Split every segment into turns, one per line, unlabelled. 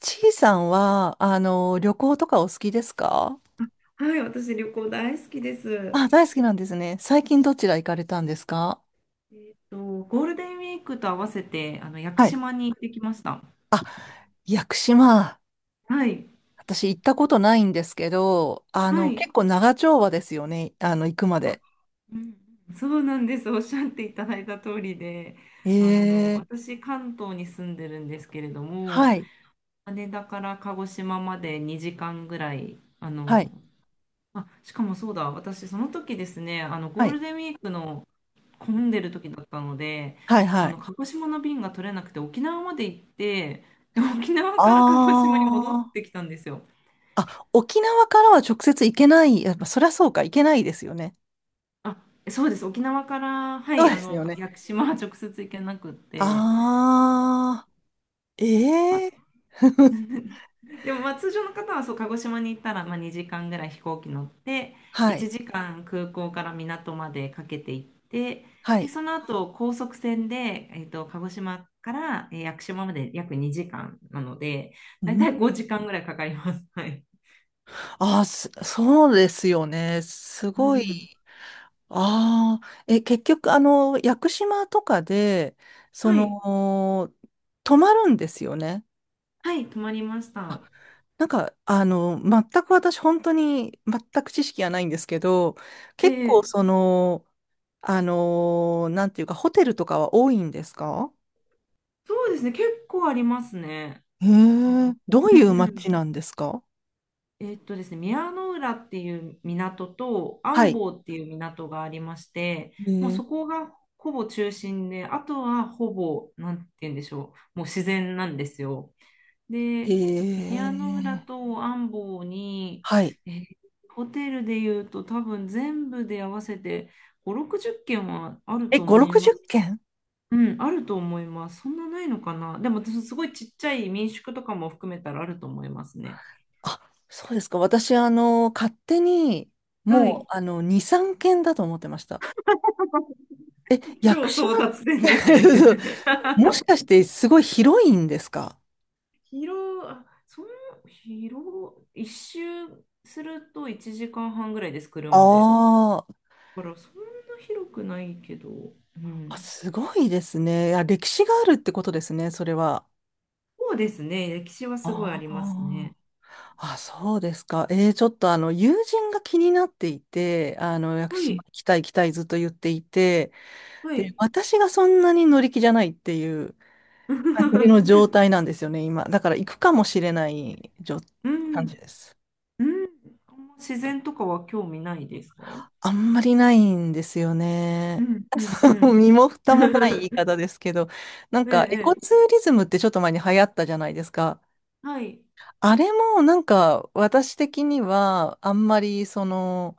ちいさんは、旅行とかお好きですか？
はい、私旅行大好きです。
あ、大好きなんですね。最近どちら行かれたんですか？
えっと、ゴールデンウィークと合わせて、屋久
はい。
島に行ってきました。
屋久島。
はい、
私行ったことないんですけど、
はい。
結構長丁場ですよね。行くま
あ、
で。
うんうん、そうなんです。おっしゃっていただいた通りで、
ええ
私、関東に住んでるんですけれども、
はい。
羽田から鹿児島まで2時間ぐらい、
はい。
あ、しかもそうだ、私、その時ですね、
は
ゴー
い。
ルデンウィークの混んでる時だったので、
はい。はい。
鹿児島の便が取れなくて、沖縄まで行って、で沖縄から鹿児
あ
島に戻っ
ー
てきたんですよ。
あ、沖縄からは直接行けない。やっぱ、そりゃそうか、行けないですよね。
あ、そうです。沖縄から、は
そう
い、
ですよね。
屋久島は直接行けなくって、
ああ、
ま
え
あ、
え
でも、まあ、通常の方はそう鹿児島に行ったら、まあ、2時間ぐらい飛行機乗って、
は
1
い。
時間空港から港までかけて行って、
は
で
い。
その後高速船で、鹿児島から屋久島まで約2時間なので、
う
だいたい
ん。
5時間ぐらいかかります。はい、
ああ、そうですよね。す
う
ごい。
ん、
ああ、え、結局、屋久島とかで、そ
はい、
の、泊まるんですよね。
はい、泊まりまし
あ、
た。
なんか、全く私、本当に、全く知識がないんですけど、結構、
ええ、
なんていうか、ホテルとかは多いんですか？
そうですね、結構ありますね。
へ
あ、
え、どう
う
いう街
ん、
なんですか？
ですね、宮の浦っていう港と
は
安
い。
房っていう港がありまして、
へ
もう
え、
そこがほぼ中心で、あとはほぼ、なんて言うんでしょう、もう自然なんですよ。
へ
で、宮の浦
え
と安房に、
はい。
えーホテルで言うと多分全部で合わせて5、60軒はある
え、
と
5、
思います。
60軒？
うん、あると思います。そんなないのかな。でも、すごいちっちゃい民宿とかも含めたらあると思いますね。
あ、そうですか。私、勝手に、
はい。
もう、2、3軒だと思ってました。え、屋久
超争
島っ
奪戦ですね。
て もし かしてすごい広いんですか？
広、あその、広、一周すると1時間半ぐらいです、
あ
車で。
ー
だからそんな広くないけど、う
あ、
ん。
すごいですね。いや、歴史があるってことですね、それは。
そうですね、歴史はすごいあ
あ
ります
あ、
ね。
あ、そうですか。ちょっと友人が気になっていて、屋久
は
島
い、
行きたい行きたいずっと言っていて、
は
で、
い。
私がそんなに乗り気じゃないっていう。感じの状 態なんですよね、今。だから行くかもしれない
う
感
ん、
じです。
うん。自然とかは興味ないですか？
あんまりないんですよ
う
ね。
ん、うん、う ん。
身も蓋もない言い 方ですけど、なん
え
かエコ
え、え
ツ
え、
ーリズムってちょっと前に流行ったじゃないですか。
はい。
あれもなんか私的にはあんまり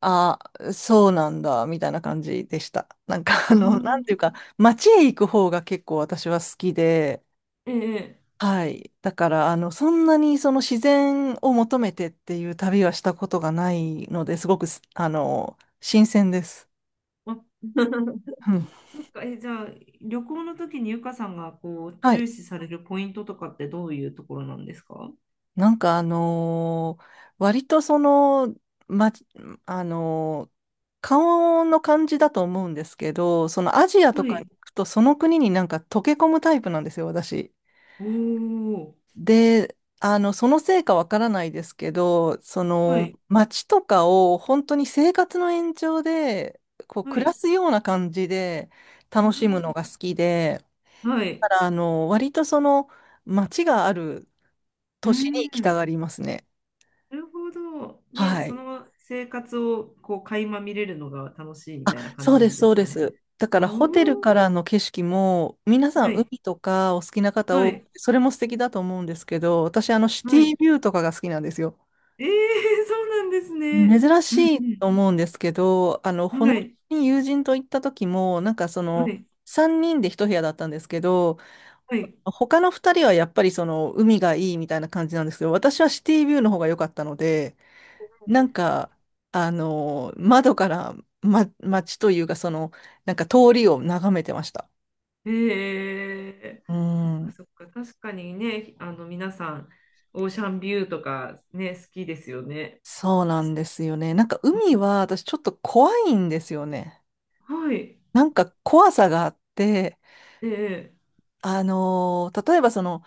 あ、そうなんだみたいな感じでした。なんか
う
なん
ん、
ていうか、街へ行く方が結構私は好きで、
ええ。
はい。だから、そんなにその自然を求めてっていう旅はしたことがないので、すごくす、あの、新鮮です。
あ。
うん。
そっか、え、じゃあ、旅行の時にゆかさんがこう
は
重
い。
視されるポイントとかってどういうところなんですか？
なんか、割とま、あのー顔の感じだと思うんですけど、アジアと
は
か行
い。
くと、その国になんか溶け込むタイプなんですよ、私。
おー。
で、そのせいかわからないですけど、
はい。
街とかを本当に生活の延長で、こう、
は
暮ら
い。
すような感じで
あ
楽しむのが
ー、
好きで、
は
だ
い。
から、あの、割とその、街がある
う
都
ー
市に行きた
ん。
がりますね。
なるほど。で、
は
そ
い。
の生活をこう垣間見れるのが楽しいみ
あ、
たいな感
そう
じな
で
ん
す、
で
そ
す
うで
かね。
す。だか
お
ら、ホテルか
ー。
らの景色も、皆さ
は
ん、
い。
海とかお好きな方
は
多
い。
くて、それも素敵だと思うんですけど、私、シテ
はい。
ィビューとかが好きなんですよ。
えー、そうなんですね。
珍
う
し
ん。う
いと思うんですけど、あの、
ん。
ほの
はい。
に友人と行った時も、なんか
はい。
3人で一部屋だったんですけど、
はい。
他の2人はやっぱり海がいいみたいな感じなんですけど、私はシティビューの方が良かったので、なんか、窓から、ま、街というか、なんか通りを眺めてました。
ええ。
う
そっか
ん、
そっか、確かにね、皆さん、オーシャンビューとかね、好きですよね。
そうなんですよね。なんか海は私ちょっと怖いんですよね。
はい、
なんか怖さがあって、
ええ、
例えば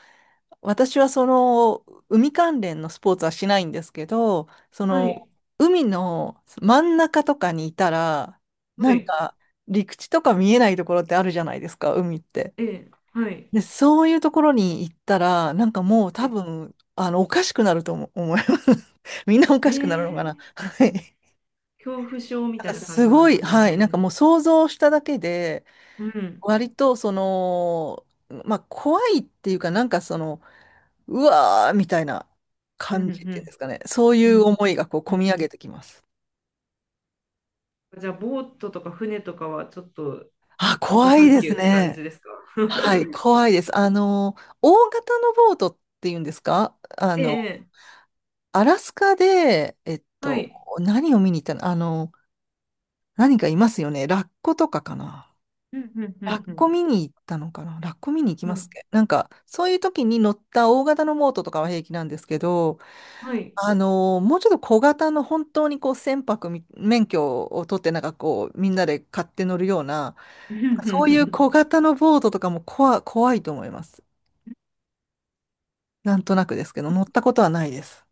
私はその海関連のスポーツはしないんですけど、そ
は
の
い、
海の真ん中とかにいたら、な
は
ん
い、
か陸地とか見えないところってあるじゃないですか、海って。
ええ、はい、
で、そういうところに行ったら、なんかもう多
ええ、
分、おかしくなると思います。みんなお
え
かしくなるのか
え。
な。はい。
恐怖症み
なん
た
か
いな感
す
じな
ご
んで
い、
すか
はい。な
ね。
んかもう想像しただけで、
うん、
割とまあ怖いっていうか、なんかうわーみたいな
うん、
感
う
じっていうんで
ん、
すかね。そう
う
いう
ん、
思いがこう、
う
込み
ん。
上げてきます。
じゃあ、ボートとか船とかはちょっと
あ、
ノー
怖
サ
い
ン
で
キュ
す
ーって感じ
ね。
ですか？
はい、怖いです。大型のボートっていうんですか
ええ、
アラスカで、
はい、
何を見に行ったの何かいますよね。ラッコとかかな。
うん、うん、
ラ
う
ッコ
ん、
見に行ったのかなラッコ見に行き
うん、
ま
はい、
すね。なんか、そういう時に乗った大型のボートとかは平気なんですけど、
はい。
もうちょっと小型の本当にこう船舶免許を取ってなんかこうみんなで買って乗るような、
うんう
そういう小
ん
型のボートとかも怖いと思います。なんとなくですけど、乗ったことはないです。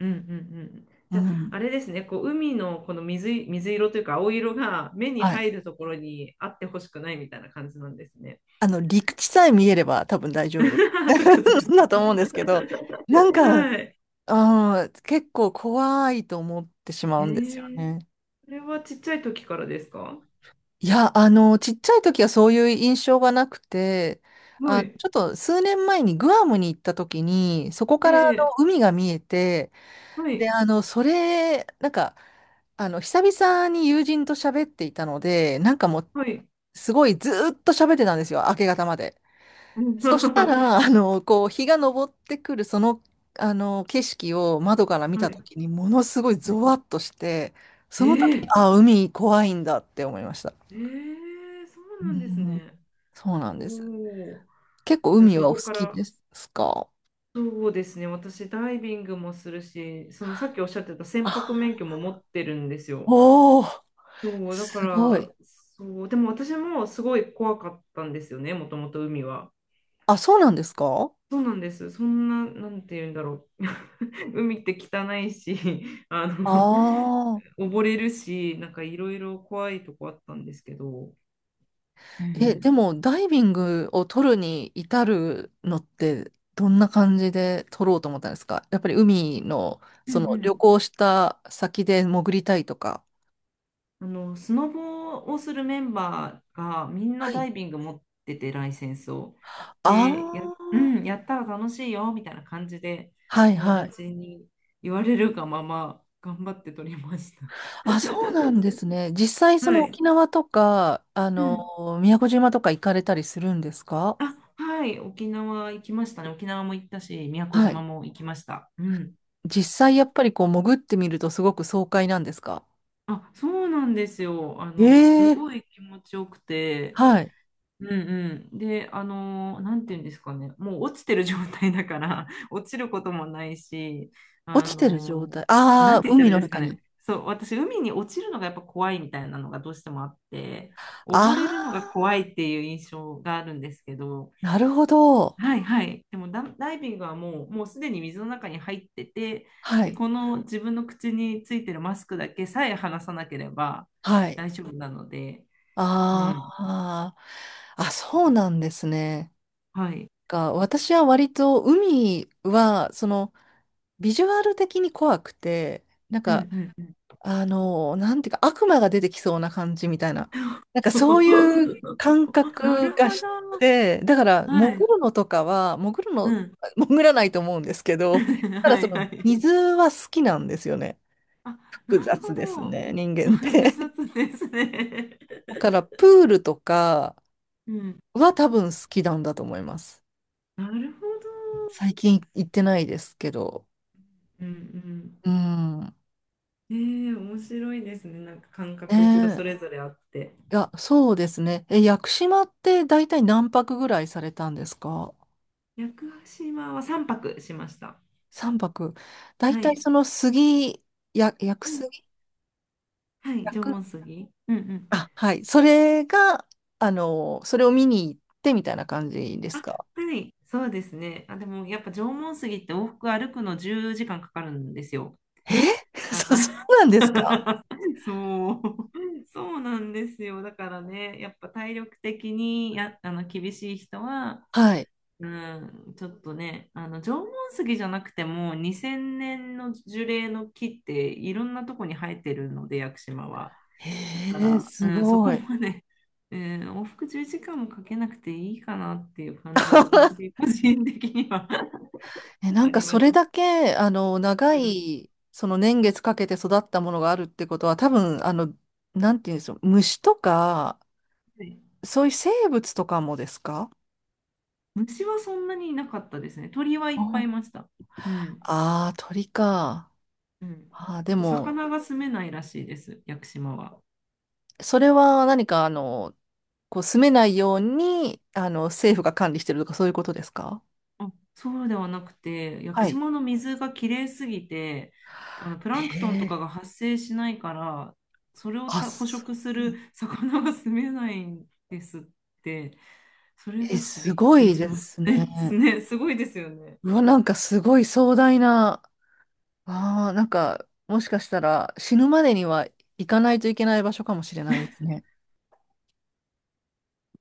うんうんうん。
う
じゃあ、
ん。
あれですね、こう海のこの水色というか青色が目に
はい。
入るところにあってほしくないみたいな感じなんですね。
陸地さえ見えれば多分大 丈
そ
夫
っかそっか。
だと思うんですけど、なんか
はい。
うん、結構怖いと思ってしま
え
うんですよ
ー、
ね。
それはちっちゃい時からですか？
いや、ちっちゃい時はそういう印象がなくて、
は
あ、
い。
ちょっと数年前にグアムに行った時に、そこからあの
ええ、
海が見えて、
は
で、
い。
それ、なんか、久々に友人と喋っていたので、なんかもう、
はい。
すごいずーっと喋ってたんですよ、明け方まで。
うん。
そした
は
ら、こう、日が昇ってくるその、景色を窓から見たとき
い。
に、ものすごい
はい。
ゾワッとして、
え
その時、に
ー、
あ、海怖いんだって思いました。
えー、そ
う
うなんです
ん、
ね。
そうなん
お
です。
お。
結構
じゃあ
海
そ
はお
こ
好
か
き
ら。
ですか？
そうですね。私、ダイビングもするし、そのさっきおっしゃってた船舶
あ、
免許も持ってるんですよ。
おお、
そう、だか
すごい。
ら、そう、でも私もすごい怖かったんですよね、もともと海は。
あ、そうなんですか？
そうなんです。そんな、なんて言うんだろう。海って汚いし、あ
あ
の、
あー。
溺れるし、なんかいろいろ怖いとこあったんですけど。う
え、で
ん。
もダイビングを取るに至るのってどんな感じで取ろうと思ったんですか？やっぱり海の
うんう
その旅
ん、
行した先で潜りたいとか。
スノボをするメンバーがみんな
は
ダ
い。
イビング持ってて、ライセンスを。
あ
で、う
あ、
ん、やったら楽しいよ、みたいな感じで、
はい
友
はい。
達に言われるがまま、頑張って取りました。
あ、そうなん ですね。実際
はい。
沖縄とか、
うん。
宮古島とか行かれたりするんですか？
あ、はい、沖縄行きましたね。沖縄も行ったし、宮古
は
島
い。
も行きました。うん。
実際やっぱりこう潜ってみるとすごく爽快なんですか？
あ、そうなんですよ。
え
す
え
ごい気持ちよくて、
はい。
うんうん。で、なんていうんですかね、もう落ちてる状態だから、落ちることもないし、
落
あ
ちてる状
の
態。
な
あ
ん
あ、
て言ったら
海
いい
の
ですか
中
ね、
に。
そう、私、海に落ちるのがやっぱ怖いみたいなのがどうしてもあって、
あ
溺れるのが
あ。
怖いっていう印象があるんですけど、
なるほど。
はいはい、でもダイビングはもう、すでに水の中に入ってて、
は
で、
い。
この自分の口についてるマスクだけさえ離さなければ
はい。
大丈夫なので、う
あ
ん、
あ、あ、そうなんですね。
はい。
が、私は割と海は、ビジュアル的に怖くて、なん
うんう
か、
んうん。
なんていうか、悪魔が出てきそうな感じみたいな。なんかそういう感
な
覚
るほ
がし
ど。
て、だから、潜
はい。
るのとかは、潜る
う
の、
ん。
潜らないと思うんですけ ど、ただ
はいは
水
い。
は好きなんですよね。
あ、
複
なる
雑
ほ
です
ど。
ね、人 間って。
複雑ですね。
だからプールとか
うん。
は多分好きなんだと思います。
なるほど。
最近行ってないですけど。
うんうん。
うん。
ええ、面白いですね。なんか感
ね
覚人それ
え。
ぞれあって。
いや、そうですね。え、屋久島って大体何泊ぐらいされたんですか？
屋久島は3泊しました。
3 泊。大
は
体
い。
その杉、屋久
うん。
杉、
はい。
屋
縄
久、
文杉。うんうん。
あ、はい。それが、それを見に行ってみたいな感じです
あ、
か？
はい。そうですね。あ、でもやっぱ縄文杉って往復歩くの10時間かかるんですよ。
え
だ から、
そうなんですか？
そう、そうなんですよ。だからね、やっぱ体力的にや、あの厳しい人は、
はい。
うん、ちょっとね、あの縄文杉じゃなくても2000年の樹齢の木っていろんなとこに生えてるので、屋久島は。だか
へえ、
ら、
す
うん、そ
ご
こ
い。
まで、うん、往復10時間もかけなくていいかなっていう感じは私 個人的には。
え、な
あ
んか
りま
そ
し
れ
た。
だけ、長
うん、
い、その年月かけて育ったものがあるってことは、多分、なんていうんでしょう、虫とか、
はい。
そういう生物とかもですか？
虫はそんなにいなかったですね。鳥はいっぱいい
あ
ました。うん
あー、鳥か。
うん。
あー
あ
で
と、
も、
魚が住めないらしいです、屋久島は。
それは何か、こう、住めないように、政府が管理してるとか、そういうことですか？
あ、そうではなくて、屋久
はい。
島の水がきれいすぎて、プランクトンとか
ええ
が発生しないから、それを
あ、
捕食する魚が住めないんですって、それ
え、
はちょっと
す
びっ
ご
くり
い
し
で
まし
す
たね。す
ね。
ね、すごいですよね。
うわ、なんかすごい壮大な。ああ、なんか、もしかしたら死ぬまでには行かないといけない場所かもしれないですね。